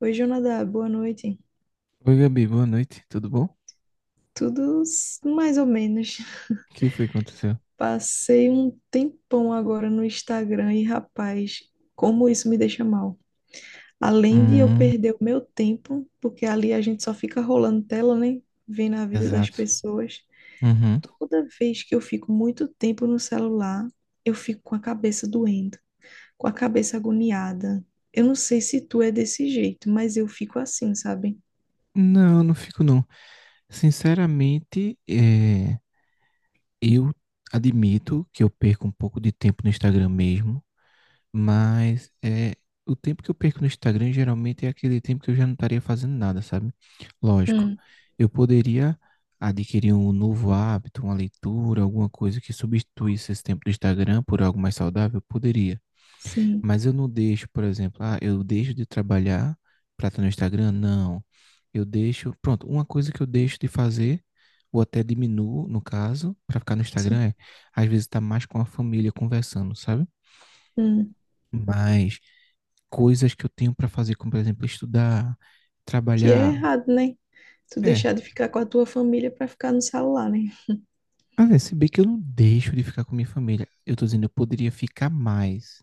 Oi, Jonadá, boa noite. Oi, Gabi, boa noite, tudo bom? O Tudo mais ou menos. que foi que aconteceu? Passei um tempão agora no Instagram e, rapaz, como isso me deixa mal. Além de eu Hum, perder o meu tempo, porque ali a gente só fica rolando tela, né? Vendo a vida das exato. pessoas. Uhum. Toda vez que eu fico muito tempo no celular, eu fico com a cabeça doendo, com a cabeça agoniada. Eu não sei se tu é desse jeito, mas eu fico assim, sabe? Não, não fico não. Sinceramente, eu admito que eu perco um pouco de tempo no Instagram mesmo, mas o tempo que eu perco no Instagram geralmente é aquele tempo que eu já não estaria fazendo nada, sabe? Lógico, Hum, eu poderia adquirir um novo hábito, uma leitura, alguma coisa que substituísse esse tempo do Instagram por algo mais saudável, poderia. sim, Mas eu não deixo, por exemplo, ah, eu deixo de trabalhar para estar no Instagram? Não. Eu deixo, pronto, uma coisa que eu deixo de fazer, ou até diminuo, no caso, para ficar no sim. Instagram às vezes tá mais com a família conversando, sabe? Hum. Mas coisas que eu tenho para fazer, como por exemplo, estudar, Que é trabalhar, errado, né? Tu é. deixar de ficar com a tua família pra ficar no celular, né? Ah, é, se bem que eu não deixo de ficar com minha família. Eu tô dizendo, eu poderia ficar mais.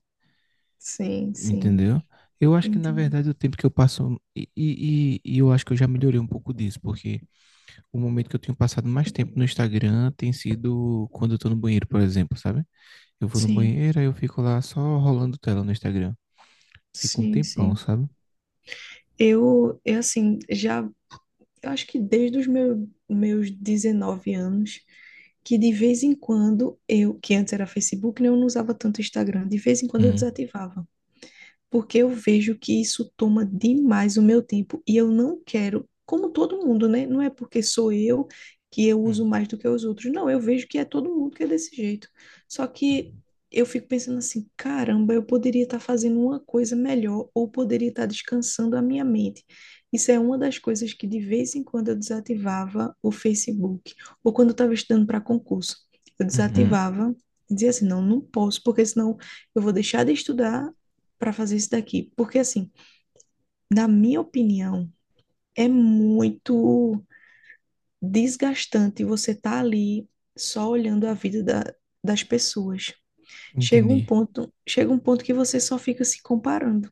Sim, sim, Entendeu? Eu acho que, na entendi. verdade, o tempo que eu passo. E eu acho que eu já melhorei um pouco disso, porque o momento que eu tenho passado mais tempo no Instagram tem sido quando eu tô no banheiro, por exemplo, sabe? Eu vou no Sim, banheiro, aí eu fico lá só rolando tela no Instagram. Fico um sim, tempão, sim. sabe? Eu assim, já, eu acho que desde os meus, meus 19 anos, que de vez em quando eu, que antes era Facebook, né, eu não usava tanto Instagram, de vez em quando eu Hum. desativava. Porque eu vejo que isso toma demais o meu tempo e eu não quero, como todo mundo, né? Não é porque sou eu que eu Hum. uso mais do que os outros. Não, eu vejo que é todo mundo que é desse jeito. Só que eu fico pensando assim, caramba, eu poderia estar fazendo uma coisa melhor ou poderia estar descansando a minha mente. Isso é uma das coisas que de vez em quando eu desativava o Facebook, ou quando eu estava estudando para concurso. Eu Uhum. desativava, dizia assim, não, não posso, porque senão eu vou deixar de estudar para fazer isso daqui. Porque, assim, na minha opinião, é muito desgastante você estar ali só olhando a vida das pessoas. Entendi. Chega um ponto que você só fica se comparando.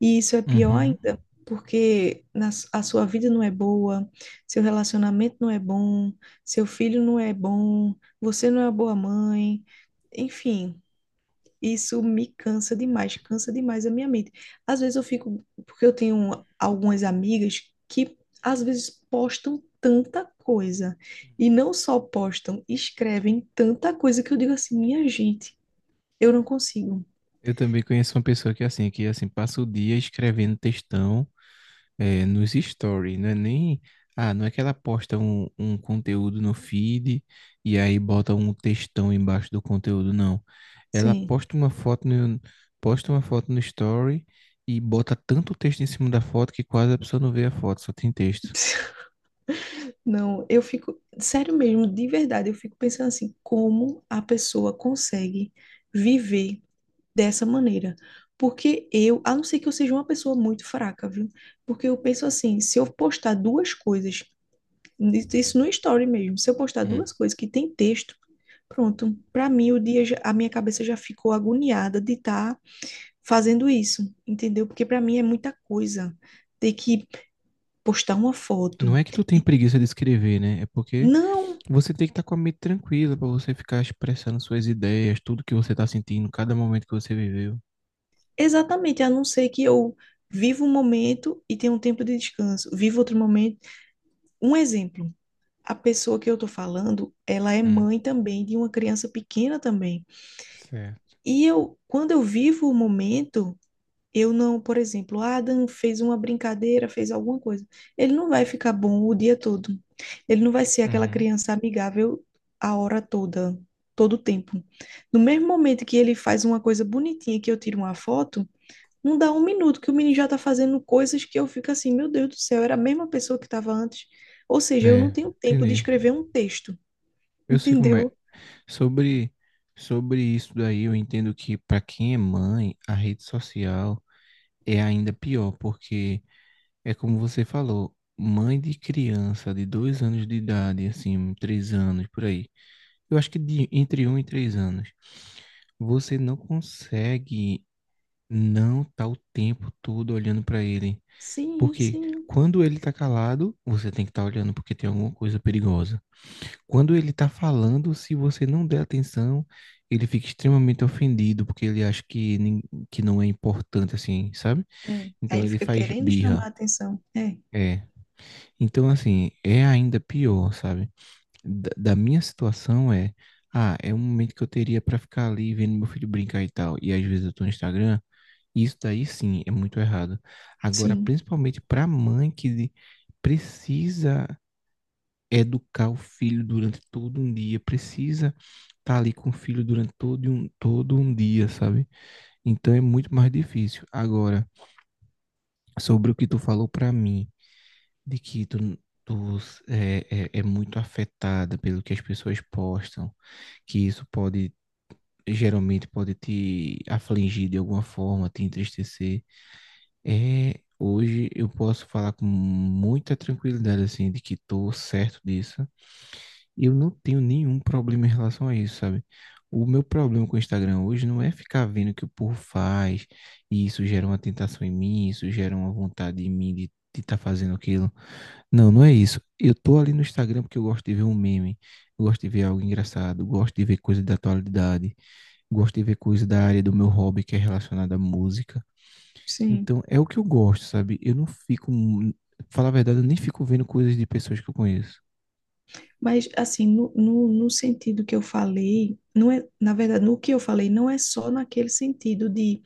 E isso é pior Uhum. ainda, porque a sua vida não é boa, seu relacionamento não é bom, seu filho não é bom, você não é uma boa mãe. Enfim, isso me cansa demais a minha mente. Às vezes eu fico, porque eu tenho algumas amigas que às vezes postam tanta coisa e não só postam, escrevem tanta coisa que eu digo assim, minha gente, eu não consigo. Eu também conheço uma pessoa que é assim, que assim, passa o dia escrevendo textão. É, nos stories, não é nem. Ah, não é que ela posta um conteúdo no feed e aí bota um textão embaixo do conteúdo, não. Ela Sim. Posta uma foto no story e bota tanto texto em cima da foto que quase a pessoa não vê a foto, só tem texto. Não, eu fico, sério mesmo, de verdade, eu fico pensando assim, como a pessoa consegue viver dessa maneira. Porque eu, a não ser que eu seja uma pessoa muito fraca, viu? Porque eu penso assim, se eu postar duas coisas, isso no story mesmo, se eu postar Hum. duas coisas que tem texto, pronto, para mim o dia, a minha cabeça já ficou agoniada de estar fazendo isso, entendeu? Porque para mim é muita coisa ter que postar uma foto. Não é que tu tem E preguiça de escrever, né? É porque não, você tem que estar com a mente tranquila para você ficar expressando suas ideias, tudo que você tá sentindo, cada momento que você viveu. exatamente, a não ser que eu viva um momento e tenha um tempo de descanso, viva outro momento. Um exemplo. A pessoa que eu tô falando, ela é Hum. mãe também de uma criança pequena também. Certo. E eu, quando eu vivo o momento, eu não, por exemplo, "Ah, Adam fez uma brincadeira, fez alguma coisa. Ele não vai ficar bom o dia todo. Ele não vai ser aquela Uhum. criança amigável a hora toda, todo o tempo. No mesmo momento que ele faz uma coisa bonitinha, que eu tiro uma foto, não dá um minuto que o menino já tá fazendo coisas que eu fico assim, meu Deus do céu, era a mesma pessoa que estava antes. Ou seja, eu não É, tenho tempo de entendi. escrever um texto. Eu sei como é. Entendeu? Sobre, sobre isso daí, eu entendo que para quem é mãe, a rede social é ainda pior, porque é como você falou, mãe de criança de 2 anos de idade, assim, 3 anos, por aí. Eu acho que entre 1 e 3 anos, você não consegue não estar o tempo todo olhando para ele. Sim, Porque sim. quando ele tá calado, você tem que estar olhando porque tem alguma coisa perigosa. Quando ele está falando, se você não der atenção, ele fica extremamente ofendido, porque ele acha que, que não é importante, assim, sabe? É. Aí Então ele ele fica faz querendo chamar a birra. atenção. É, É. Então, assim, é ainda pior, sabe? Da minha situação é. Ah, é um momento que eu teria para ficar ali vendo meu filho brincar e tal. E às vezes eu tô no Instagram. Isso daí sim é muito errado. Agora, sim, principalmente para mãe que precisa educar o filho durante todo um dia, precisa tá ali com o filho durante todo um dia, sabe? Então é muito mais difícil. Agora, sobre o que tu falou pra mim, de que tu é muito afetada pelo que as pessoas postam, que isso pode, geralmente pode te afligir de alguma forma, te entristecer. Hoje eu posso falar com muita tranquilidade, assim, de que tô certo disso. Eu não tenho nenhum problema em relação a isso, sabe? O meu problema com o Instagram hoje não é ficar vendo o que o povo faz, e isso gera uma tentação em mim, isso gera uma vontade em mim de estar fazendo aquilo. Não, não é isso. Eu tô ali no Instagram porque eu gosto de ver um meme, eu gosto de ver algo engraçado, eu gosto de ver coisa da atualidade, gosto de ver coisa da área do meu hobby que é relacionada à música. sim. Então, é o que eu gosto, sabe? Eu não fico, falar a verdade, eu nem fico vendo coisas de pessoas que eu conheço. Mas, assim, no sentido que eu falei, não é, na verdade, no que eu falei, não é só naquele sentido de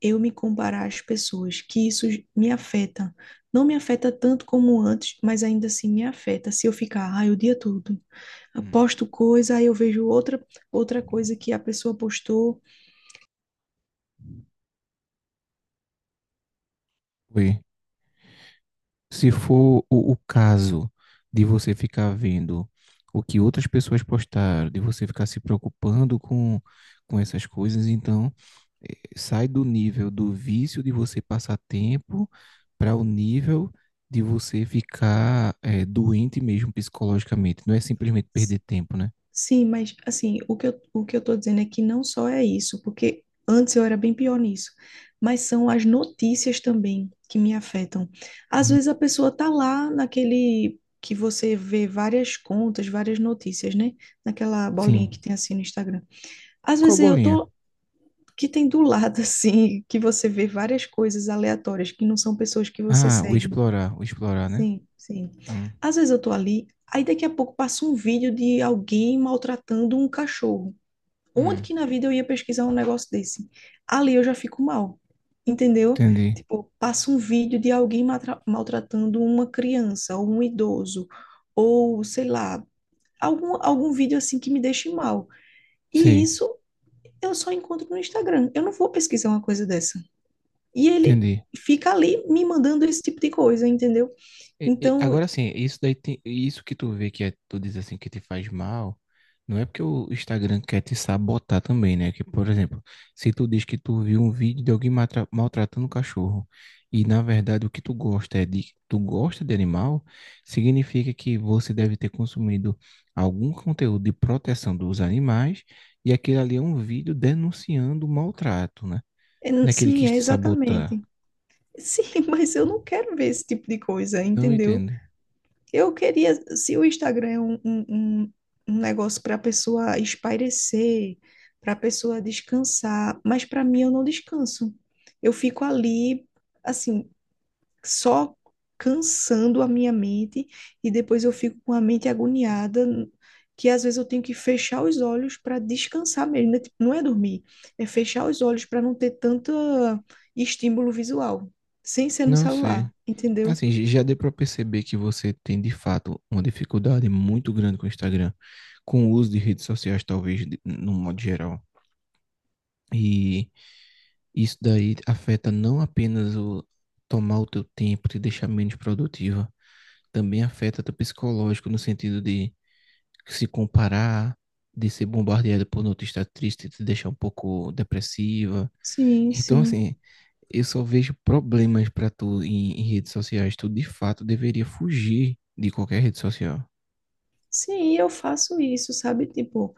eu me comparar às pessoas, que isso me afeta. Não me afeta tanto como antes, mas ainda assim me afeta se eu ficar, ai, o dia todo. Hum. Posto coisa, aí eu vejo outra coisa que a pessoa postou. Oi. Se for o caso de você ficar vendo o que outras pessoas postaram, de você ficar se preocupando com essas coisas, então sai do nível do vício de você passar tempo para o nível de você ficar doente mesmo psicologicamente. Não é simplesmente perder tempo, né? Sim, mas assim, o que eu tô dizendo é que não só é isso, porque antes eu era bem pior nisso, mas são as notícias também que me afetam. Às Hum. vezes a pessoa tá lá naquele que você vê várias contas, várias notícias, né? Naquela bolinha que Sim. tem assim no Instagram. Às Qual vezes eu bolinha? tô que tem do lado assim, que você vê várias coisas aleatórias que não são pessoas que você Ah, segue. O explorar, né? Sim, sim. Hum, Às vezes eu tô ali, aí daqui a pouco passa um vídeo de alguém maltratando um cachorro, onde hum, que na vida eu ia pesquisar um negócio desse? Ali eu já fico mal, entendeu? entendi. Tipo, passa um vídeo de alguém maltratando uma criança ou um idoso, ou sei lá, algum vídeo assim que me deixe mal. E Sei, isso eu só encontro no Instagram. Eu não vou pesquisar uma coisa dessa. E ele entendi. fica ali me mandando esse tipo de coisa, entendeu? Então, Agora assim, isso daí tem, isso que tu vê que é, tu diz assim que te faz mal, não é porque o Instagram quer te sabotar também, né? Que, por exemplo, se tu diz que tu viu um vídeo de alguém maltratando um cachorro e na verdade o que tu gosta é de tu gosta de animal, significa que você deve ter consumido algum conteúdo de proteção dos animais e aquele ali é um vídeo denunciando o maltrato, né? Daquele que sim, quis é te sabotar. exatamente. Sim, mas eu não quero ver esse tipo de coisa, Não entendeu? entendo. Eu queria, se o Instagram é um- um negócio para a pessoa espairecer, para a pessoa descansar, mas para mim eu não descanso. Eu fico ali, assim, só cansando a minha mente e depois eu fico com a mente agoniada, que às vezes eu tenho que fechar os olhos para descansar mesmo, né? Tipo, não é dormir, é fechar os olhos para não ter tanto estímulo visual, sem ser no Não sei. celular, entendeu? Assim, já deu para perceber que você tem de fato uma dificuldade muito grande com o Instagram, com o uso de redes sociais, talvez, no modo geral. E isso daí afeta não apenas o tomar o teu tempo, te deixar menos produtiva, também afeta teu psicológico no sentido de se comparar, de ser bombardeada por notícias tristes, te deixar um pouco depressiva, Sim, então, sim. assim, eu só vejo problemas pra tu em redes sociais. Tu, de fato, deveria fugir de qualquer rede social. Sim, eu faço isso, sabe? Tipo,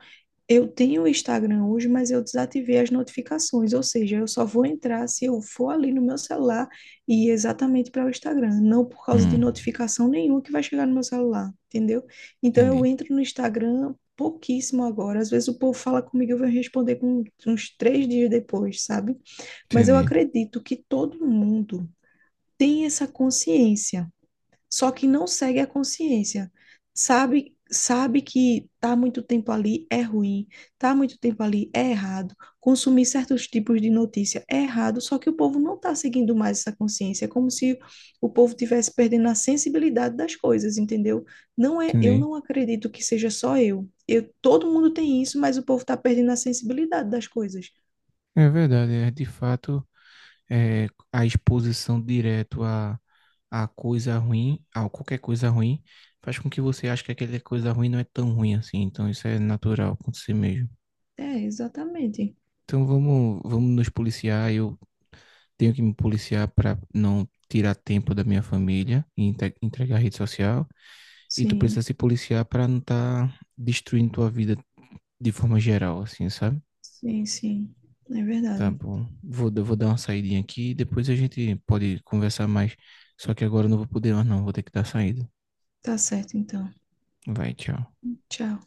eu tenho o Instagram hoje, mas eu desativei as notificações, ou seja, eu só vou entrar se eu for ali no meu celular e ir exatamente para o Instagram, não por causa de Hum, notificação nenhuma que vai chegar no meu celular, entendeu? Então eu entendi, entro no Instagram pouquíssimo agora. Às vezes o povo fala comigo, eu vou responder com uns três dias depois, sabe? Mas eu entendi, acredito que todo mundo tem essa consciência, só que não segue a consciência. Sabe, sabe que tá muito tempo ali é ruim, tá muito tempo ali é errado, consumir certos tipos de notícia é errado, só que o povo não está seguindo mais essa consciência, é como se o povo tivesse perdendo a sensibilidade das coisas, entendeu? Não é, eu entendi. não acredito que seja só eu. Eu, todo mundo tem isso, mas o povo está perdendo a sensibilidade das coisas. É verdade, de fato, a exposição direto a, coisa ruim, a qualquer coisa ruim, faz com que você ache que aquela coisa ruim não é tão ruim assim. Então, isso é natural acontecer mesmo. É, exatamente. Então, vamos, vamos nos policiar. Eu tenho que me policiar para não tirar tempo da minha família e entregar a rede social. E tu precisa Sim, se policiar para não estar tá destruindo tua vida de forma geral, assim, sabe? sim, sim. É Tá verdade. bom. Vou dar uma saidinha aqui e depois a gente pode conversar mais. Só que agora eu não vou poder mais, não. Vou ter que dar saída. Tá certo, então. Vai, tchau. Tchau.